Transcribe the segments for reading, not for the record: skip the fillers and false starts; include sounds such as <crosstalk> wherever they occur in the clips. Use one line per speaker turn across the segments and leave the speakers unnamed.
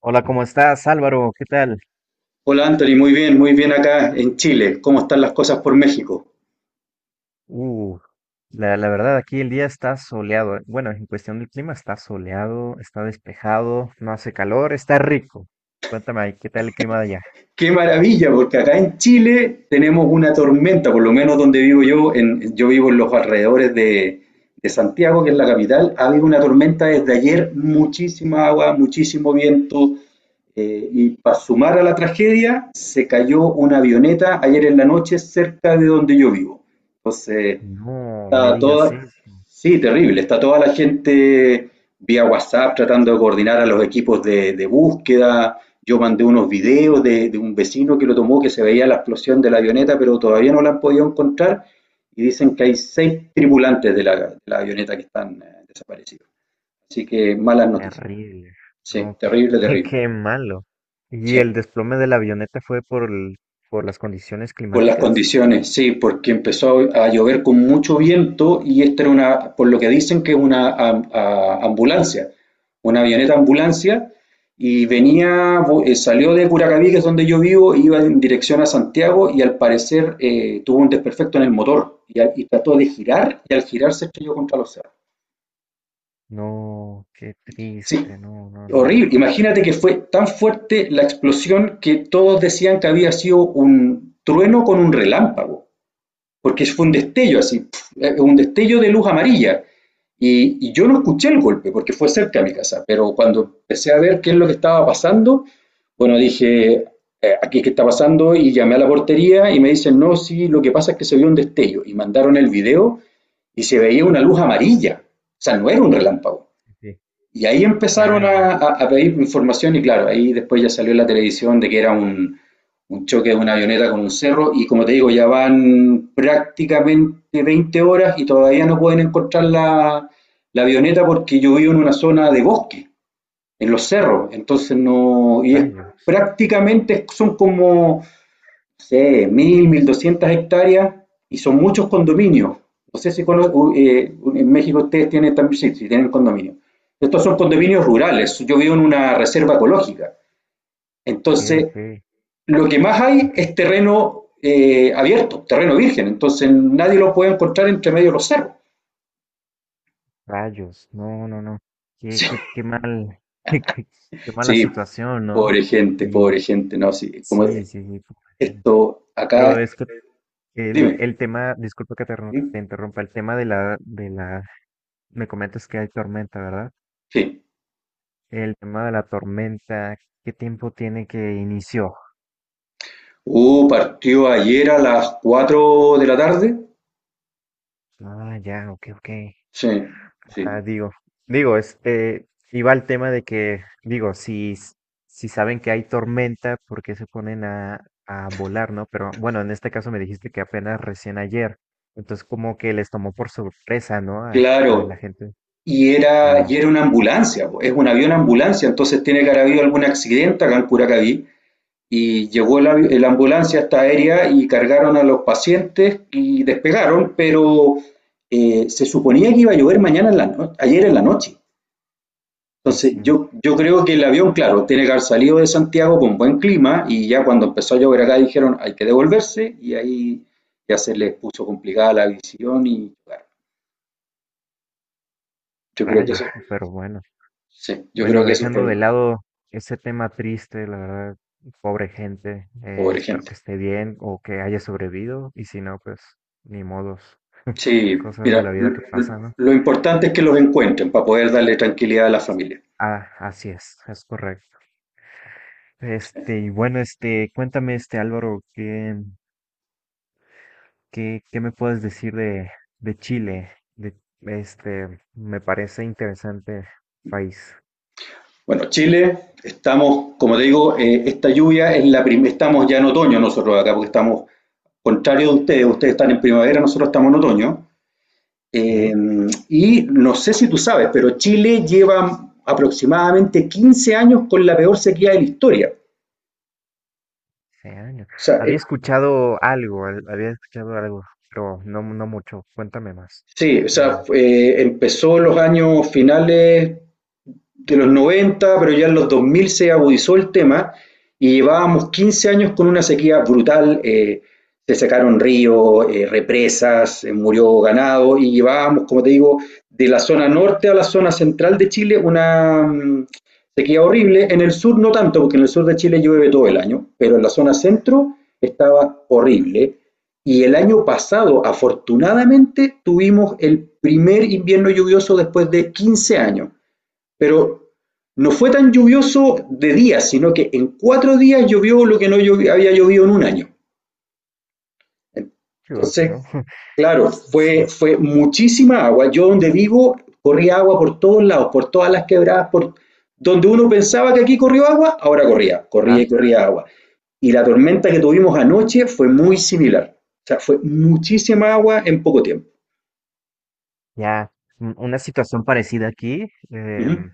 Hola, ¿cómo estás, Álvaro? ¿Qué tal?
Hola Anthony, muy bien acá en Chile. ¿Cómo están las cosas por México?
Uh, la verdad, aquí el día está soleado. Bueno, en cuestión del clima está soleado, está despejado, no hace calor, está rico. Cuéntame ahí, ¿qué tal el clima de allá?
Qué maravilla, porque acá en Chile tenemos una tormenta, por lo menos donde vivo yo, yo vivo en los alrededores de Santiago, que es la capital, ha habido una tormenta desde ayer, muchísima agua, muchísimo viento, y para sumar a la tragedia, se cayó una avioneta ayer en la noche cerca de donde yo vivo. Entonces,
No me
Está
digas
toda,
eso,
sí, terrible. Está toda la gente vía WhatsApp tratando de coordinar a los equipos de búsqueda. Yo mandé unos videos de un vecino que lo tomó, que se veía la explosión de la avioneta, pero todavía no la han podido encontrar. Y dicen que hay seis tripulantes de la avioneta que están desaparecidos. Así que malas noticias.
terrible.
Sí,
No, qué,
terrible,
<laughs> qué
terrible.
malo. ¿Y
Sí.
el desplome de la avioneta fue por las condiciones
Por las
climáticas?
condiciones, sí, porque empezó a llover con mucho viento y esta era una, por lo que dicen que es una ambulancia, una avioneta ambulancia y venía, salió de Curacaví, que es donde yo vivo, e iba en dirección a Santiago y al parecer tuvo un desperfecto en el motor y trató de girar y al girar se estrelló contra los cerros.
No, qué
Sí,
triste, no, no, no.
horrible.
Sí,
Imagínate que fue tan fuerte la explosión que todos decían que había sido un trueno con un relámpago. Porque fue un destello así, un destello de luz amarilla. Yo no escuché el golpe porque fue cerca de mi casa, pero cuando empecé a ver qué es lo que estaba pasando, bueno, dije, aquí qué está pasando y llamé a la portería y me dicen, no, sí, lo que pasa es que se vio un destello y mandaron el video y se veía una luz amarilla, o sea, no era un relámpago.
sí, sí.
Y ahí empezaron a,
Rayos,
a, a pedir información y claro, ahí después ya salió en la televisión de que era un choque de una avioneta con un cerro y como te digo, ya van prácticamente 20 horas y todavía no pueden encontrar la avioneta porque yo vivo en una zona de bosque, en los cerros, entonces no, y es
rayos.
prácticamente son como, no sé, mil, 1.200 hectáreas y son muchos condominios. No sé si en México ustedes tienen también, sí, sí, tienen condominios. Estos son condominios rurales, yo vivo en una reserva ecológica. Entonces,
Ok,
lo que más hay
ok.
es terreno abierto, terreno virgen, entonces nadie lo puede encontrar entre medio de los cerros. <laughs>
Rayos, no, no, no. Qué,
Sí,
qué, qué mal, <laughs> qué, qué- qué mala
sí,
situación, ¿no? Y
pobre gente, no, sí, como
sí, sí, sí, completamente.
esto acá,
Pero es que el,
dime,
el tema, disculpa que te interrumpa, el tema, me comentas que hay tormenta, ¿verdad?
sí.
El tema de la tormenta, ¿qué tiempo tiene que inició?
Partió ayer a las 4 de la tarde,
Ah, ya, ok, ok.
sí,
Ah,
sí,
digo, este, iba al tema de que, digo, si saben que hay tormenta, ¿por qué se ponen a volar, no? Pero bueno, en este caso me dijiste que apenas recién ayer, entonces como que les tomó por sorpresa, ¿no? A
claro,
la gente.
y era,
No,
y era una ambulancia, po. Es un avión ambulancia, entonces tiene que haber habido algún accidente acá en Curacaví, y llegó la ambulancia hasta aérea y cargaron a los pacientes y despegaron, pero se suponía que iba a llover mañana en la no ayer en la noche.
sí,
Entonces
sí,
yo creo que el avión, claro, tiene que haber salido de Santiago con buen clima y ya cuando empezó a llover acá dijeron hay que devolverse y ahí ya se les puso complicada la visión y bueno, yo creo que eso,
rayos, pero bueno.
sí, yo creo
Bueno,
que eso fue
dejando de
lo
lado ese tema triste, la verdad, pobre gente,
pobre
espero
gente.
que esté bien o que haya sobrevivido, y si no, pues ni modos,
Sí,
cosas de la
mira,
vida que
lo,
pasan, ¿no?
lo importante es que los encuentren para poder darle tranquilidad a la familia.
Ah, así es correcto. Este, y bueno, este, cuéntame, este Álvaro, ¿qué me puedes decir de Chile? Este, me parece interesante país.
Bueno, Chile, estamos, como te digo, esta lluvia es la primera, estamos ya en otoño nosotros acá, porque estamos, contrario de ustedes, ustedes están en primavera, nosotros estamos en otoño. Eh,
¿Eh?
y no sé si tú sabes, pero Chile lleva aproximadamente 15 años con la peor sequía de la historia.
Hace años.
O sea,
Había escuchado algo, había escuchado algo, pero no, no mucho. Cuéntame más.
sí,
Como,
empezó en los años finales de los 90 pero ya en los 2000 se agudizó el tema y llevábamos 15 años con una sequía brutal. Se secaron ríos, represas, murió ganado y llevábamos, como te digo, de la zona norte a la zona central de Chile una sequía horrible. En el sur no tanto, porque en el sur de Chile llueve todo el año, pero en la zona centro estaba horrible. Y el año pasado, afortunadamente, tuvimos el primer invierno lluvioso después de 15 años pero no fue tan lluvioso de días, sino que en 4 días llovió lo que no había llovido en un año.
Dios, ¿no?
Entonces,
<laughs>
claro,
Sí,
fue,
sí.
fue muchísima agua. Yo donde vivo corría agua por todos lados, por todas las quebradas, por donde uno pensaba que aquí corrió agua, ahora corría, corría
Ah,
y corría agua. Y la tormenta que tuvimos anoche fue muy similar. O sea, fue muchísima agua en poco tiempo.
ya. Una situación parecida aquí.
Ujú.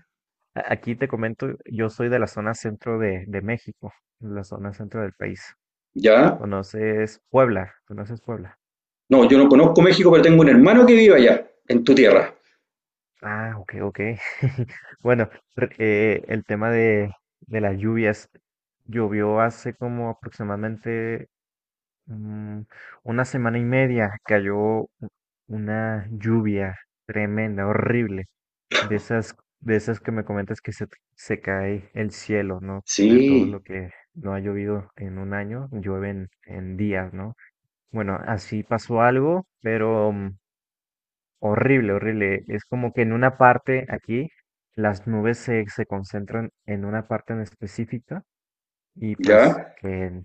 Aquí te comento, yo soy de la zona centro de México, la zona centro del país.
¿Ya?
¿Conoces Puebla? ¿Conoces Puebla?
No, yo no conozco México, pero tengo un hermano que vive allá, en tu tierra.
Ah, ok, ok. <laughs> Bueno, el tema de las lluvias, llovió hace como aproximadamente mm, una semana y media cayó una lluvia tremenda, horrible, de esas que me comentas que se cae el cielo, ¿no?
Sí.
De todo lo que no ha llovido en un año, llueve en días, ¿no? Bueno, así pasó algo, pero horrible, horrible. Es como que en una parte aquí, las nubes se concentran en una parte en específica y pues
¿Ya?
que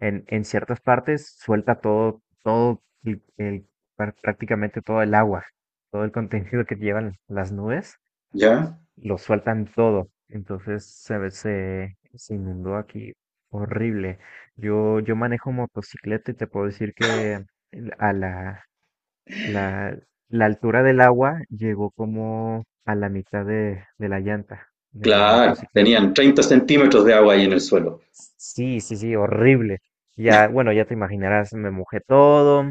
en ciertas partes suelta todo, prácticamente todo el agua, todo el <laughs> contenido que llevan las nubes,
¿Ya?
lo sueltan todo. Entonces se inundó aquí horrible. Yo manejo motocicleta y te puedo decir que el- a la, la, la altura del agua llegó como a la mitad de la llanta de la
Claro,
motocicleta.
tenían 30 centímetros de agua ahí en el suelo.
Sí, sí, sí, horrible. Ya, bueno, ya te imaginarás, me mojé todo,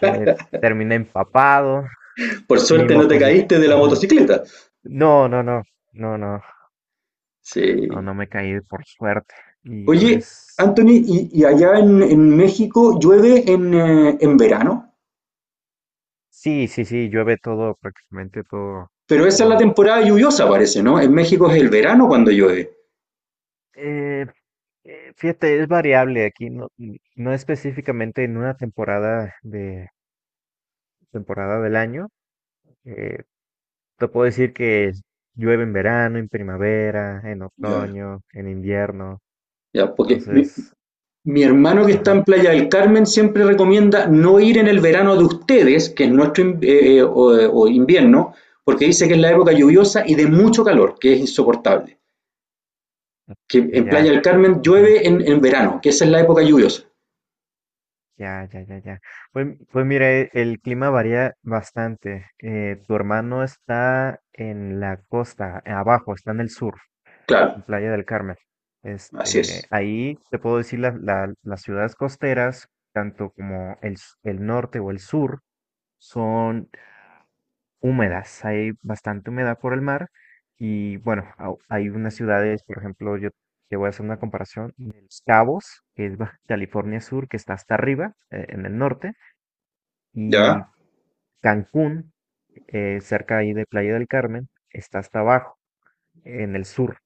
eh, terminé empapado,
Por
mi
suerte no te
motocicleta.
caíste de la motocicleta.
No, no, no, no, no, no,
Sí.
no me caí por suerte. Y
Oye,
pues,
Anthony, ¿y allá en, México llueve en verano?
sí, sí, sí, llueve todo, prácticamente todo,
Pero esa es la
todo.
temporada lluviosa, parece, ¿no? En México es el verano cuando llueve.
Eh, fíjate, es variable aquí, no específicamente en una temporada del año. Eh, te puedo decir que llueve en verano, en primavera, en
Ya.
otoño, en invierno.
Ya, porque mi,
Entonces,
mi hermano que está
ajá,
en Playa del Carmen siempre recomienda no ir en el verano de ustedes, que es nuestro in- o invierno, porque dice que es la época lluviosa y de mucho calor, que es insoportable. Que en Playa
ya.
del Carmen llueve en verano, que esa es la época lluviosa.
Ya, ya, ya, ya. Pues, pues mira, el clima varía bastante. Tu hermano está en la costa, abajo, está en el sur,
Claro,
en Playa del Carmen.
así
Este,
es.
ahí te puedo decir las ciudades costeras, tanto como el norte o el sur, son húmedas. Hay bastante humedad por el mar. Y bueno, hay unas ciudades, por ejemplo, yo te voy a hacer una comparación de Los Cabos, que es Baja California Sur, que está hasta arriba, en el norte y
¿Ya?
Cancún, cerca ahí de Playa del Carmen, está hasta abajo, en el sur.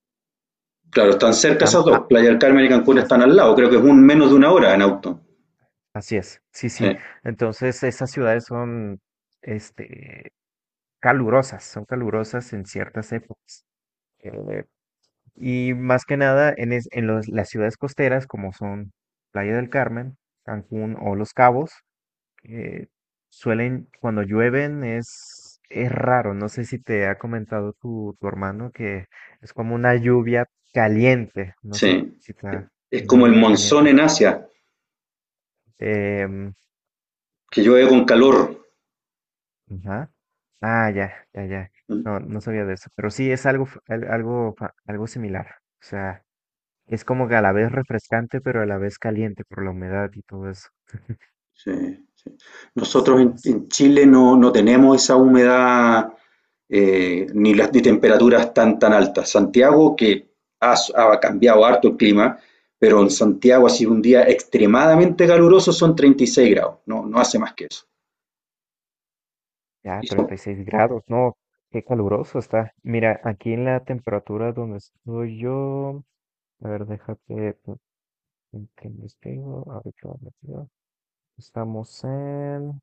Claro, están cerca
Am-
esas
a-
dos. Playa del Carmen y Cancún
as-
están al lado. Creo que es un menos de una hora en auto.
así es, sí,
Sí,
sí. Entonces esas ciudades son, este, calurosas, son calurosas en ciertas épocas. Eh, y más que nada en, las ciudades costeras, como son Playa del Carmen, Cancún o Los Cabos, eh, suelen, cuando llueven es raro. No sé si te ha comentado tu hermano que es como una lluvia caliente. No sé
sí.
si te ha-
Es
una
como el
lluvia
monzón
caliente.
en Asia,
Em,
que llueve con calor.
ajá. Ah, ya, ya, ya.
¿Mm?
No, no sabía de eso. Pero sí es algo, algo similar. O sea, es como que a la vez refrescante, pero a la vez caliente por la humedad y todo eso.
Sí, sí. Nosotros
Sí,
en,
sí.
en Chile no tenemos esa humedad ni temperaturas tan tan altas. Santiago, que ha cambiado harto el clima, pero en Santiago ha sido un día extremadamente caluroso, son 36 grados, no hace más que eso.
Ya,
Y son-
36 grados, no, qué caluroso está. Mira, aquí en la temperatura donde estoy yo, a ver, déjate pues, que investigo, a ver qué va metido. Estamos en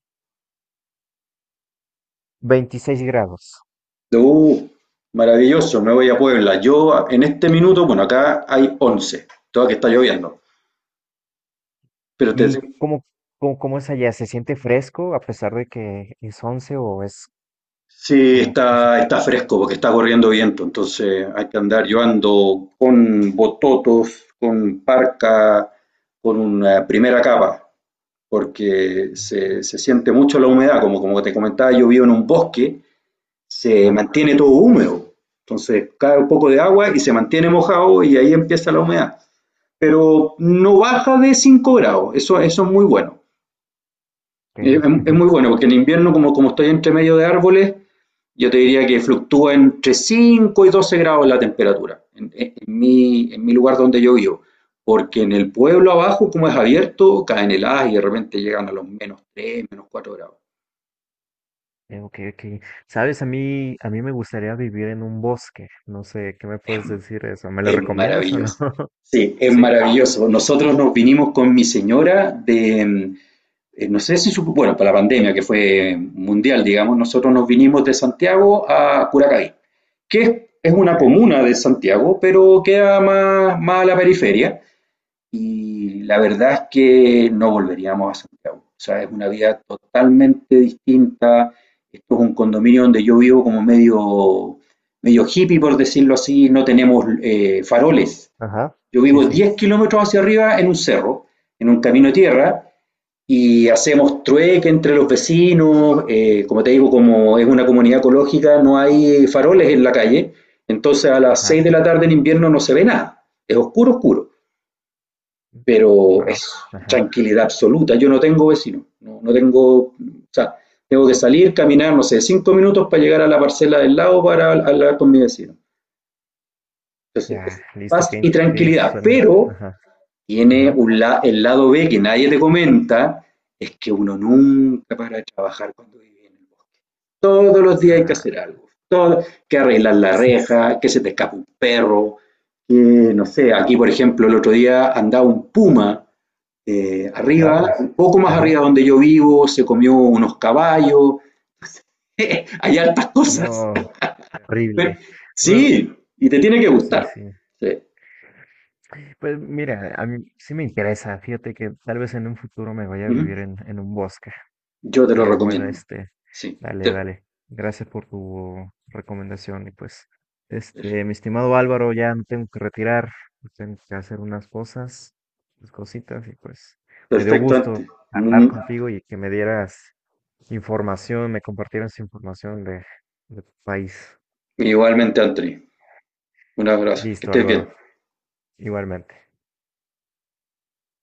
26 grados.
Uh, maravilloso, me voy a Puebla. Yo en este minuto, bueno, acá hay 11, toda que está lloviendo, pero te,
¿Y cómo es allá? ¿Se siente fresco a pesar de que es 11 o es,
sí,
o cómo se
está fresco porque está corriendo viento, entonces hay que andar. Yo ando con bototos, con parca, con una primera capa, porque se siente mucho la humedad. Como te comentaba, yo vivo en un bosque, se
llama?
mantiene todo húmedo. Entonces cae un poco de agua y se mantiene mojado y ahí empieza la humedad. Pero no baja de 5 grados, eso es muy bueno. Es,
Que-
es muy
<laughs>
bueno porque en invierno, como estoy entre medio de árboles, yo te diría que fluctúa entre 5 y 12 grados la temperatura en mi lugar donde yo vivo. Porque en el pueblo abajo, como es abierto, caen heladas y de repente llegan a los menos tres menos cuatro grados.
Ok, ok. Sabes, a mí me gustaría vivir en un bosque. No sé, ¿qué me
Es,
puedes decir de eso? ¿Me lo
es
recomiendas o no?
maravilloso.
<laughs>
Sí, es
Sí.
maravilloso. Nosotros nos vinimos con mi señora de, no sé si supo, bueno, para la pandemia que fue mundial, digamos, nosotros nos vinimos de Santiago a Curacaví, que es una
Ok.
comuna de Santiago, pero queda más a la periferia. Y la verdad es que no volveríamos a Santiago. O sea, es una vida totalmente distinta. Esto es un condominio donde yo vivo como medio, medio hippie, por decirlo así. No tenemos faroles.
Ajá,
Yo
sí,
vivo
sí,
10 kilómetros hacia arriba en un cerro, en un camino de tierra, y hacemos trueque entre los vecinos. Como te digo, como es una comunidad ecológica, no hay faroles en la calle. Entonces a las
ajá.
6 de la tarde en invierno no se ve nada. Es oscuro, oscuro pero
Wow.
es
Ajá.
tranquilidad absoluta. Yo no tengo vecino, no tengo, o sea, tengo que salir, caminar, no sé, 5 minutos para llegar a la parcela del lado para hablar con mi vecino. Entonces, es
Ya, listo.
paz
¿Qué,
y
in- qué
tranquilidad,
suena?
pero
Ajá.
tiene
Ajá.
el lado B que nadie te comenta, es que uno nunca para de trabajar cuando vive en el bosque. Todos los días hay que
Ah,
hacer algo, todo, que arreglar la reja, que se te escapa un perro, que, no sé, aquí por ejemplo el otro día andaba un puma arriba,
rayos.
un poco más
Ajá.
arriba donde yo vivo, se comió unos caballos, <laughs> hay altas cosas.
No,
Pero,
terrible. Bueno,
sí, y te tiene que
sí,
gustar.
sí.
Sí.
Pues mira, a mí sí me interesa. Fíjate que tal vez en un futuro me vaya a
Uh
vivir
-huh.
en un bosque.
Yo te lo
Pero bueno,
recomiendo.
este,
Sí.
dale,
Te,
dale. Gracias por tu recomendación. Y pues, este, mi estimado Álvaro, ya me tengo que retirar, tengo que hacer unas cosas, unas cositas, y pues me dio
perfecto,
gusto
Antri.
hablar
Mm,
contigo y que me dieras información, me compartieras información de tu país.
igualmente, Antri. Un abrazo. Que
Listo,
estés
Álvaro,
bien.
igualmente.